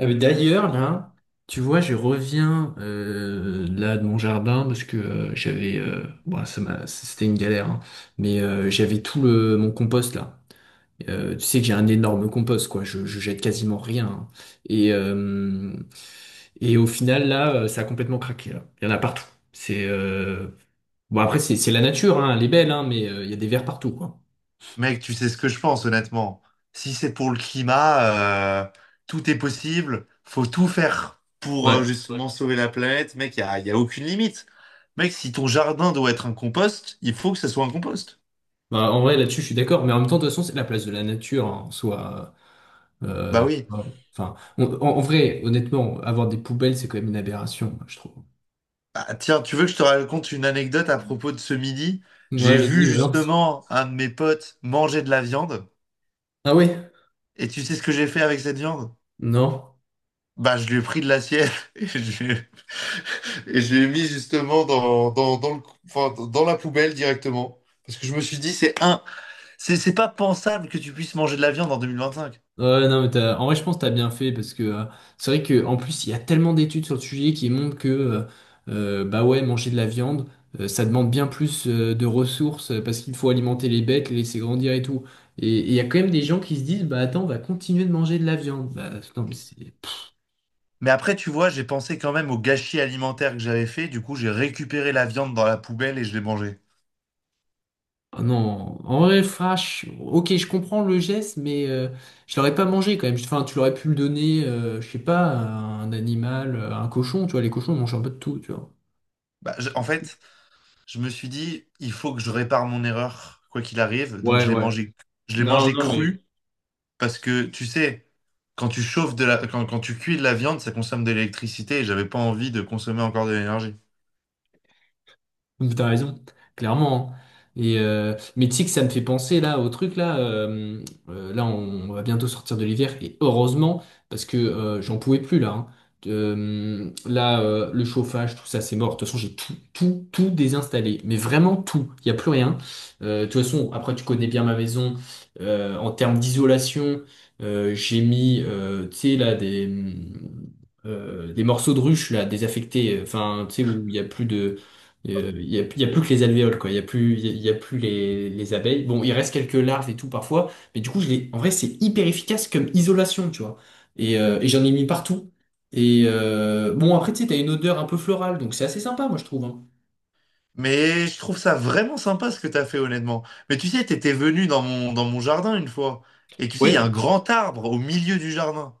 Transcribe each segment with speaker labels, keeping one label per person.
Speaker 1: D'ailleurs, là, tu vois, je reviens là de mon jardin parce que j'avais, bon, c'était une galère, hein, mais j'avais tout le mon compost là. Tu sais que j'ai un énorme compost, quoi. Je jette quasiment rien, hein. Et euh, et au final, là, ça a complètement craqué. Là. Il y en a partout. C'est Bon après, c'est la nature, hein, elle est belle, hein, mais il y a des vers partout, quoi.
Speaker 2: Mec, tu sais ce que je pense, honnêtement. Si c'est pour le climat, euh, tout est possible. Faut tout faire pour
Speaker 1: Ouais.
Speaker 2: Ouais. Justement sauver la planète. Mec, y a aucune limite. Mec, si ton jardin doit être un compost, il faut que ça soit un compost.
Speaker 1: Bah, en vrai, là-dessus, je suis d'accord. Mais en même temps, de toute façon, c'est la place de la nature, hein, en soi.
Speaker 2: Bah oui.
Speaker 1: Voilà. Enfin, en vrai, honnêtement, avoir des poubelles, c'est quand même une aberration, moi, je trouve.
Speaker 2: Ah, tiens, tu veux que je te raconte une anecdote à propos de ce midi?
Speaker 1: Ouais,
Speaker 2: J'ai vu
Speaker 1: vas-y, balance.
Speaker 2: justement un de mes potes manger de la viande.
Speaker 1: Ah oui.
Speaker 2: Et tu sais ce que j'ai fait avec cette viande?
Speaker 1: Non.
Speaker 2: Bah, je lui ai pris de l'assiette et je, et je l'ai mis justement dans la poubelle directement. Parce que je me suis dit, c'est pas pensable que tu puisses manger de la viande en 2025.
Speaker 1: Ouais, non, mais en vrai, je pense que t'as bien fait parce que c'est vrai que en plus, il y a tellement d'études sur le sujet qui montrent que bah ouais, manger de la viande, ça demande bien plus de ressources parce qu'il faut alimenter les bêtes, les laisser grandir et tout. Et il y a quand même des gens qui se disent, bah attends, on va continuer de manger de la viande. Bah, non, mais c'est
Speaker 2: Mais après, tu vois, j'ai pensé quand même au gâchis alimentaire que j'avais fait. Du coup, j'ai récupéré la viande dans la poubelle et je l'ai mangée.
Speaker 1: Ah non, en vrai, Flash, ok, je comprends le geste, mais je l'aurais pas mangé quand même. Enfin, tu l'aurais pu le donner, je sais pas, à un animal, à un cochon, tu vois, les cochons mangent un peu de tout, tu vois.
Speaker 2: En fait, je me suis dit, il faut que je répare mon erreur, quoi qu'il arrive. Donc,
Speaker 1: Ouais, ouais.
Speaker 2: je l'ai
Speaker 1: Non,
Speaker 2: mangé
Speaker 1: non, mais
Speaker 2: cru parce que, tu sais, quand tu cuis de la viande, ça consomme de l'électricité et j'avais pas envie de consommer encore de l'énergie.
Speaker 1: Mais t'as raison, clairement, hein. Mais tu sais que ça me fait penser là au truc là. Euh, Là, on va bientôt sortir de l'hiver et heureusement parce que j'en pouvais plus là, hein. Là, le chauffage, tout ça, c'est mort. De toute façon, j'ai tout, tout, tout désinstallé. Mais vraiment tout. Il y a plus rien. De toute façon, après, tu connais bien ma maison. En termes d'isolation, j'ai mis, tu sais là des morceaux de ruche là désaffectés. Enfin, tu sais où il n'y a plus que les alvéoles, quoi. Il n'y a plus, il y a, y a plus les abeilles. Bon, il reste quelques larves et tout parfois, mais du coup, en vrai, c'est hyper efficace comme isolation, tu vois. Et j'en ai mis partout. Et bon, après, tu sais, t'as une odeur un peu florale, donc c'est assez sympa, moi, je trouve, hein.
Speaker 2: Mais je trouve ça vraiment sympa ce que t'as fait honnêtement. Mais tu sais, t'étais venu dans mon jardin une fois. Et tu sais, il y a un
Speaker 1: Ouais.
Speaker 2: grand arbre au milieu du jardin.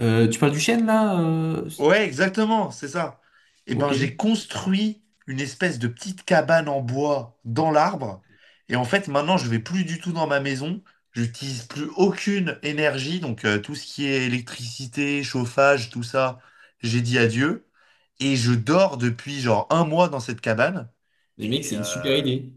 Speaker 1: Tu parles du chêne, là?
Speaker 2: Ouais, exactement, c'est ça. Et
Speaker 1: Ok.
Speaker 2: ben j'ai construit une espèce de petite cabane en bois dans l'arbre. Et en fait, maintenant, je vais plus du tout dans ma maison. J'utilise plus aucune énergie. Donc tout ce qui est électricité, chauffage, tout ça, j'ai dit adieu. Et je dors depuis genre un mois dans cette cabane.
Speaker 1: Les mecs,
Speaker 2: Et
Speaker 1: c'est une
Speaker 2: euh,
Speaker 1: super idée.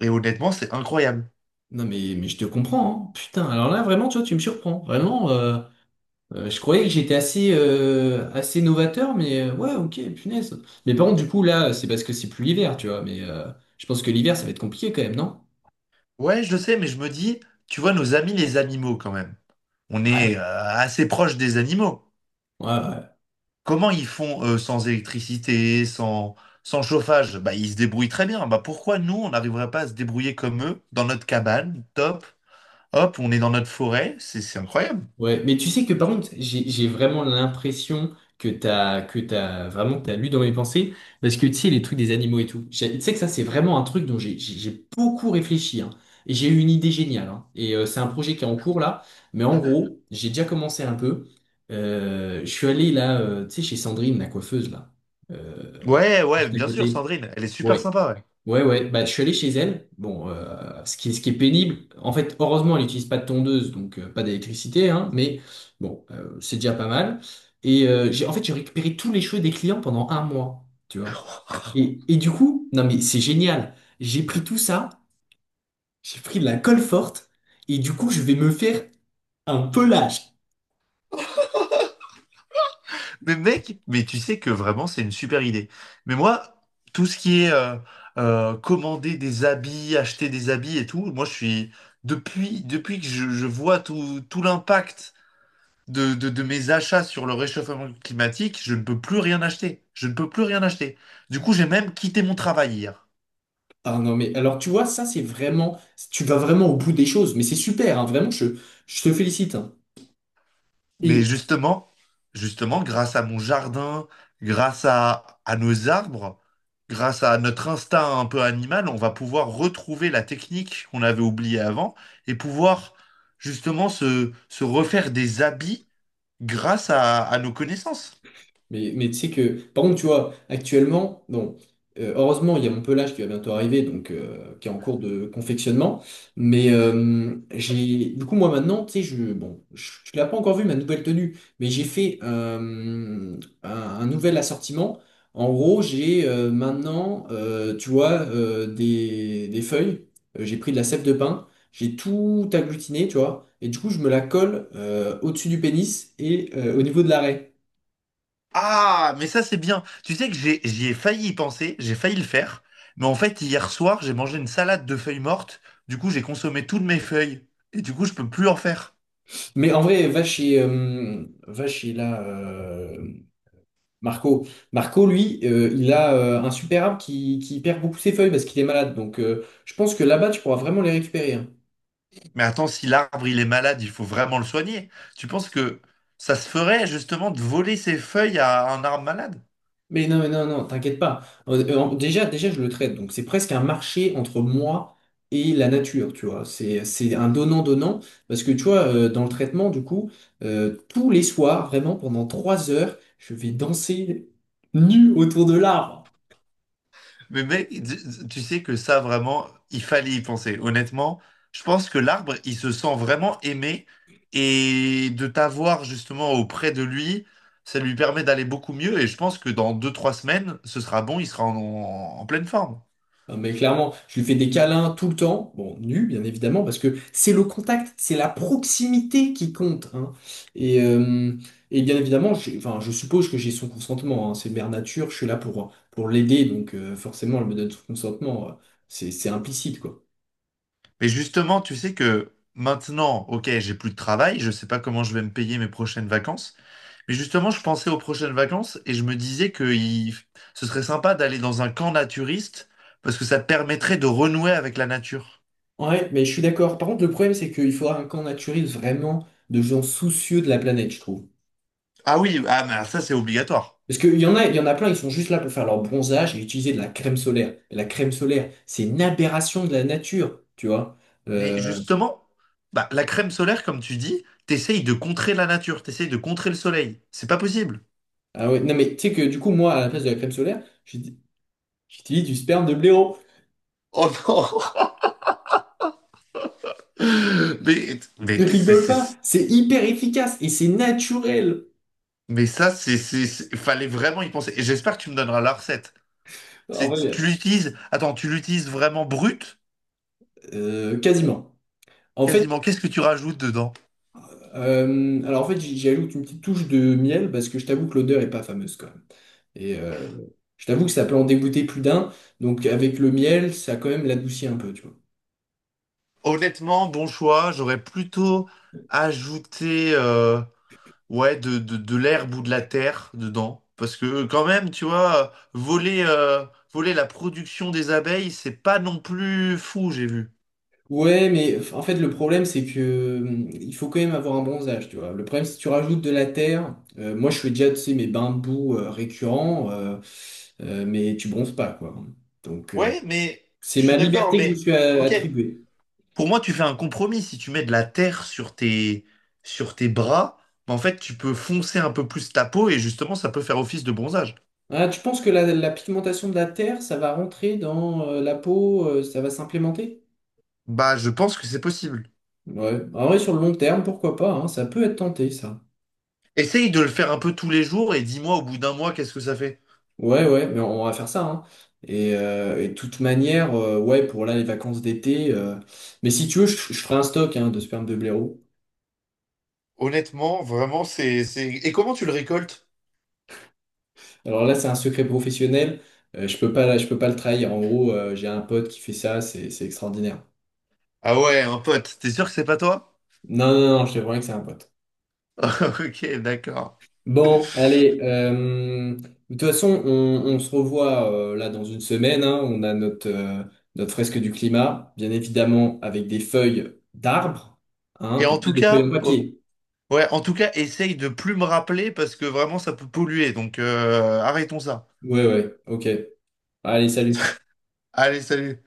Speaker 2: Et honnêtement, c'est incroyable.
Speaker 1: Non, mais je te comprends, hein. Putain, alors là, vraiment, tu vois, tu me surprends. Vraiment. Je croyais que j'étais assez, assez novateur, mais ouais, ok, punaise. Mais par contre, du coup, là, c'est parce que c'est plus l'hiver, tu vois. Mais je pense que l'hiver, ça va être compliqué quand même, non?
Speaker 2: Ouais, je le sais, mais je me dis, tu vois, nos amis les animaux quand même. On
Speaker 1: Ouais.
Speaker 2: est assez proche des animaux.
Speaker 1: Ouais, ouais.
Speaker 2: Comment ils font sans électricité, sans, sans chauffage? Bah, ils se débrouillent très bien. Bah, pourquoi nous, on n'arriverait pas à se débrouiller comme eux, dans notre cabane, top, hop, on est dans notre forêt, c'est incroyable.
Speaker 1: Ouais, mais tu sais que par contre, j'ai vraiment l'impression que t'as vraiment que t'as lu dans mes pensées, parce que tu sais les trucs des animaux et tout. Tu sais que ça c'est vraiment un truc dont j'ai beaucoup réfléchi, hein. Et j'ai eu une idée géniale, hein. Et c'est un projet qui est en cours là, mais en gros, j'ai déjà commencé un peu. Je suis allé là, tu sais, chez Sandrine, la coiffeuse là, euh,
Speaker 2: Ouais, ouais,
Speaker 1: juste à
Speaker 2: bien sûr,
Speaker 1: côté.
Speaker 2: Sandrine, elle est super
Speaker 1: Ouais.
Speaker 2: sympa, ouais.
Speaker 1: Ouais, ouais, bah, je suis allé chez elle. Bon, ce qui est pénible, en fait, heureusement, elle n'utilise pas de tondeuse, donc pas d'électricité, hein, mais bon, c'est déjà pas mal. Et en fait, j'ai récupéré tous les cheveux des clients pendant un mois, tu vois. Et du coup, non, mais c'est génial. J'ai pris tout ça, j'ai pris de la colle forte, et du coup, je vais me faire un pelage.
Speaker 2: Mais mec, mais tu sais que vraiment c'est une super idée. Mais moi, tout ce qui est commander des habits, acheter des habits et tout, moi je suis depuis que je vois tout l'impact de mes achats sur le réchauffement climatique, je ne peux plus rien acheter. Je ne peux plus rien acheter. Du coup, j'ai même quitté mon travail hier.
Speaker 1: Ah non, mais alors, tu vois, ça, c'est vraiment, tu vas vraiment au bout des choses, mais c'est super, hein, vraiment, je te félicite, hein.
Speaker 2: Mais
Speaker 1: Et,
Speaker 2: justement, justement, grâce à mon jardin, à nos arbres, grâce à notre instinct un peu animal, on va pouvoir retrouver la technique qu'on avait oubliée avant et pouvoir justement se refaire des habits à nos connaissances.
Speaker 1: mais tu sais que, par contre, tu vois, actuellement, bon, heureusement, il y a mon pelage qui va bientôt arriver, donc qui est en cours de confectionnement. Mais j'ai, du coup, moi maintenant, tu sais, bon, tu l'as pas encore vu ma nouvelle tenue, mais j'ai fait un nouvel assortiment. En gros, j'ai maintenant, tu vois, des feuilles. J'ai pris de la sève de pin. J'ai tout agglutiné, tu vois, et du coup, je me la colle au-dessus du pénis et au niveau de l'arrêt.
Speaker 2: Ah, mais ça c'est bien. Tu sais que j'y ai failli y penser, j'ai failli le faire, mais en fait hier soir j'ai mangé une salade de feuilles mortes, du coup j'ai consommé toutes mes feuilles et du coup je peux plus en faire.
Speaker 1: Mais en vrai, va chez là, Marco. Marco, lui, il a un super arbre qui perd beaucoup ses feuilles parce qu'il est malade. Donc, je pense que là-bas, tu pourras vraiment les récupérer, hein.
Speaker 2: Mais attends, si l'arbre il est malade, il faut vraiment le soigner. Tu penses que ça se ferait justement de voler ses feuilles à un arbre malade?
Speaker 1: Mais non, non, t'inquiète pas. Déjà, je le traite. Donc, c'est presque un marché entre moi et la nature, tu vois. C'est un donnant-donnant parce que, tu vois, dans le traitement, du coup, tous les soirs, vraiment, pendant 3 heures, je vais danser nu autour de l'arbre.
Speaker 2: Mais mec, tu sais que ça vraiment, il fallait y penser. Honnêtement, je pense que l'arbre il se sent vraiment aimé et de t'avoir justement auprès de lui, ça lui permet d'aller beaucoup mieux. Et je pense que dans 2, 3 semaines, ce sera bon, il sera en pleine forme.
Speaker 1: Ah, mais clairement, je lui fais des câlins tout le temps, bon, nu, bien évidemment, parce que c'est le contact, c'est la proximité qui compte, hein. Et, euh, et bien évidemment, enfin, je suppose que j'ai son consentement, hein. C'est mère nature, je suis là pour l'aider, donc forcément, elle me donne son consentement, c'est implicite, quoi.
Speaker 2: Mais justement, tu sais que maintenant, ok, j'ai plus de travail, je sais pas comment je vais me payer mes prochaines vacances. Mais justement, je pensais aux prochaines vacances et je me disais ce serait sympa d'aller dans un camp naturiste parce que ça te permettrait de renouer avec la nature.
Speaker 1: Ouais, mais je suis d'accord. Par contre, le problème, c'est qu'il faudra un camp naturel vraiment de gens soucieux de la planète, je trouve.
Speaker 2: Ah oui, ah, mais ça c'est obligatoire.
Speaker 1: Parce qu'il y en a plein, ils sont juste là pour faire leur bronzage et utiliser de la crème solaire. Et la crème solaire, c'est une aberration de la nature, tu vois.
Speaker 2: Mais
Speaker 1: Euh,
Speaker 2: justement, bah, la crème solaire, comme tu dis, t'essayes de contrer la nature, t'essayes de contrer le soleil. C'est pas possible.
Speaker 1: ah ouais, non mais tu sais que du coup, moi, à la place de la crème solaire, j'utilise du sperme de blaireau.
Speaker 2: Oh non!
Speaker 1: Je
Speaker 2: Mais,
Speaker 1: rigole pas,
Speaker 2: c'est-
Speaker 1: c'est hyper efficace et c'est naturel.
Speaker 2: mais ça, c'est- Fallait vraiment y penser. Et j'espère que tu me donneras la recette.
Speaker 1: En
Speaker 2: C'est,
Speaker 1: vrai,
Speaker 2: tu l'utilises, attends, tu l'utilises vraiment brute,
Speaker 1: quasiment. En fait,
Speaker 2: quasiment. Qu'est-ce que tu rajoutes dedans?
Speaker 1: alors en fait, j'y ajoute une petite touche de miel parce que je t'avoue que l'odeur est pas fameuse quand même. Et je t'avoue que ça peut en dégoûter plus d'un. Donc avec le miel, ça quand même l'adoucit un peu, tu vois.
Speaker 2: Honnêtement, bon choix. J'aurais plutôt ajouté ouais, de l'herbe ou de la terre dedans. Parce que quand même, tu vois, voler la production des abeilles, c'est pas non plus fou, j'ai vu.
Speaker 1: Ouais, mais en fait, le problème, c'est que il faut quand même avoir un bronzage, tu vois. Le problème, si tu rajoutes de la terre, moi, je fais déjà, tu sais, mes bains de boue récurrents, mais tu bronzes pas, quoi. Donc,
Speaker 2: Ouais, mais
Speaker 1: c'est
Speaker 2: je
Speaker 1: ma
Speaker 2: suis d'accord,
Speaker 1: liberté que je me
Speaker 2: mais
Speaker 1: suis
Speaker 2: ok.
Speaker 1: attribuée.
Speaker 2: Pour moi, tu fais un compromis. Si tu mets de la terre sur tes bras, bah, en fait, tu peux foncer un peu plus ta peau et justement, ça peut faire office de bronzage.
Speaker 1: Ah, tu penses que la pigmentation de la terre, ça va rentrer dans la peau, ça va s'implémenter?
Speaker 2: Bah, je pense que c'est possible.
Speaker 1: Ouais. En vrai, sur le long terme, pourquoi pas, hein, ça peut être tenté, ça.
Speaker 2: Essaye de le faire un peu tous les jours et dis-moi au bout d'un mois qu'est-ce que ça fait.
Speaker 1: Ouais, ouais, mais on va faire ça, hein. Et de toute manière, ouais, pour là, les vacances d'été. Mais si tu veux, je ferai un stock, hein, de sperme de blaireau.
Speaker 2: Honnêtement, vraiment, c'est... Et comment tu le récoltes?
Speaker 1: Alors là, c'est un secret professionnel. Je peux pas le trahir. En gros, j'ai un pote qui fait ça, c'est extraordinaire.
Speaker 2: Ah ouais, un pote, t'es sûr que c'est pas toi?
Speaker 1: Non, non, non, je te promets que c'est un pote.
Speaker 2: Ok, d'accord.
Speaker 1: Bon, allez. De toute façon, on se revoit là dans une semaine, hein. On a notre fresque du climat, bien évidemment, avec des feuilles d'arbres, hein,
Speaker 2: Et
Speaker 1: et
Speaker 2: en
Speaker 1: pas
Speaker 2: tout
Speaker 1: des feuilles en
Speaker 2: cas, oh,
Speaker 1: papier.
Speaker 2: ouais, en tout cas, essaye de plus me rappeler parce que vraiment ça peut polluer. Donc arrêtons ça.
Speaker 1: Ouais, ouais, ok. Allez, salut.
Speaker 2: Allez, salut.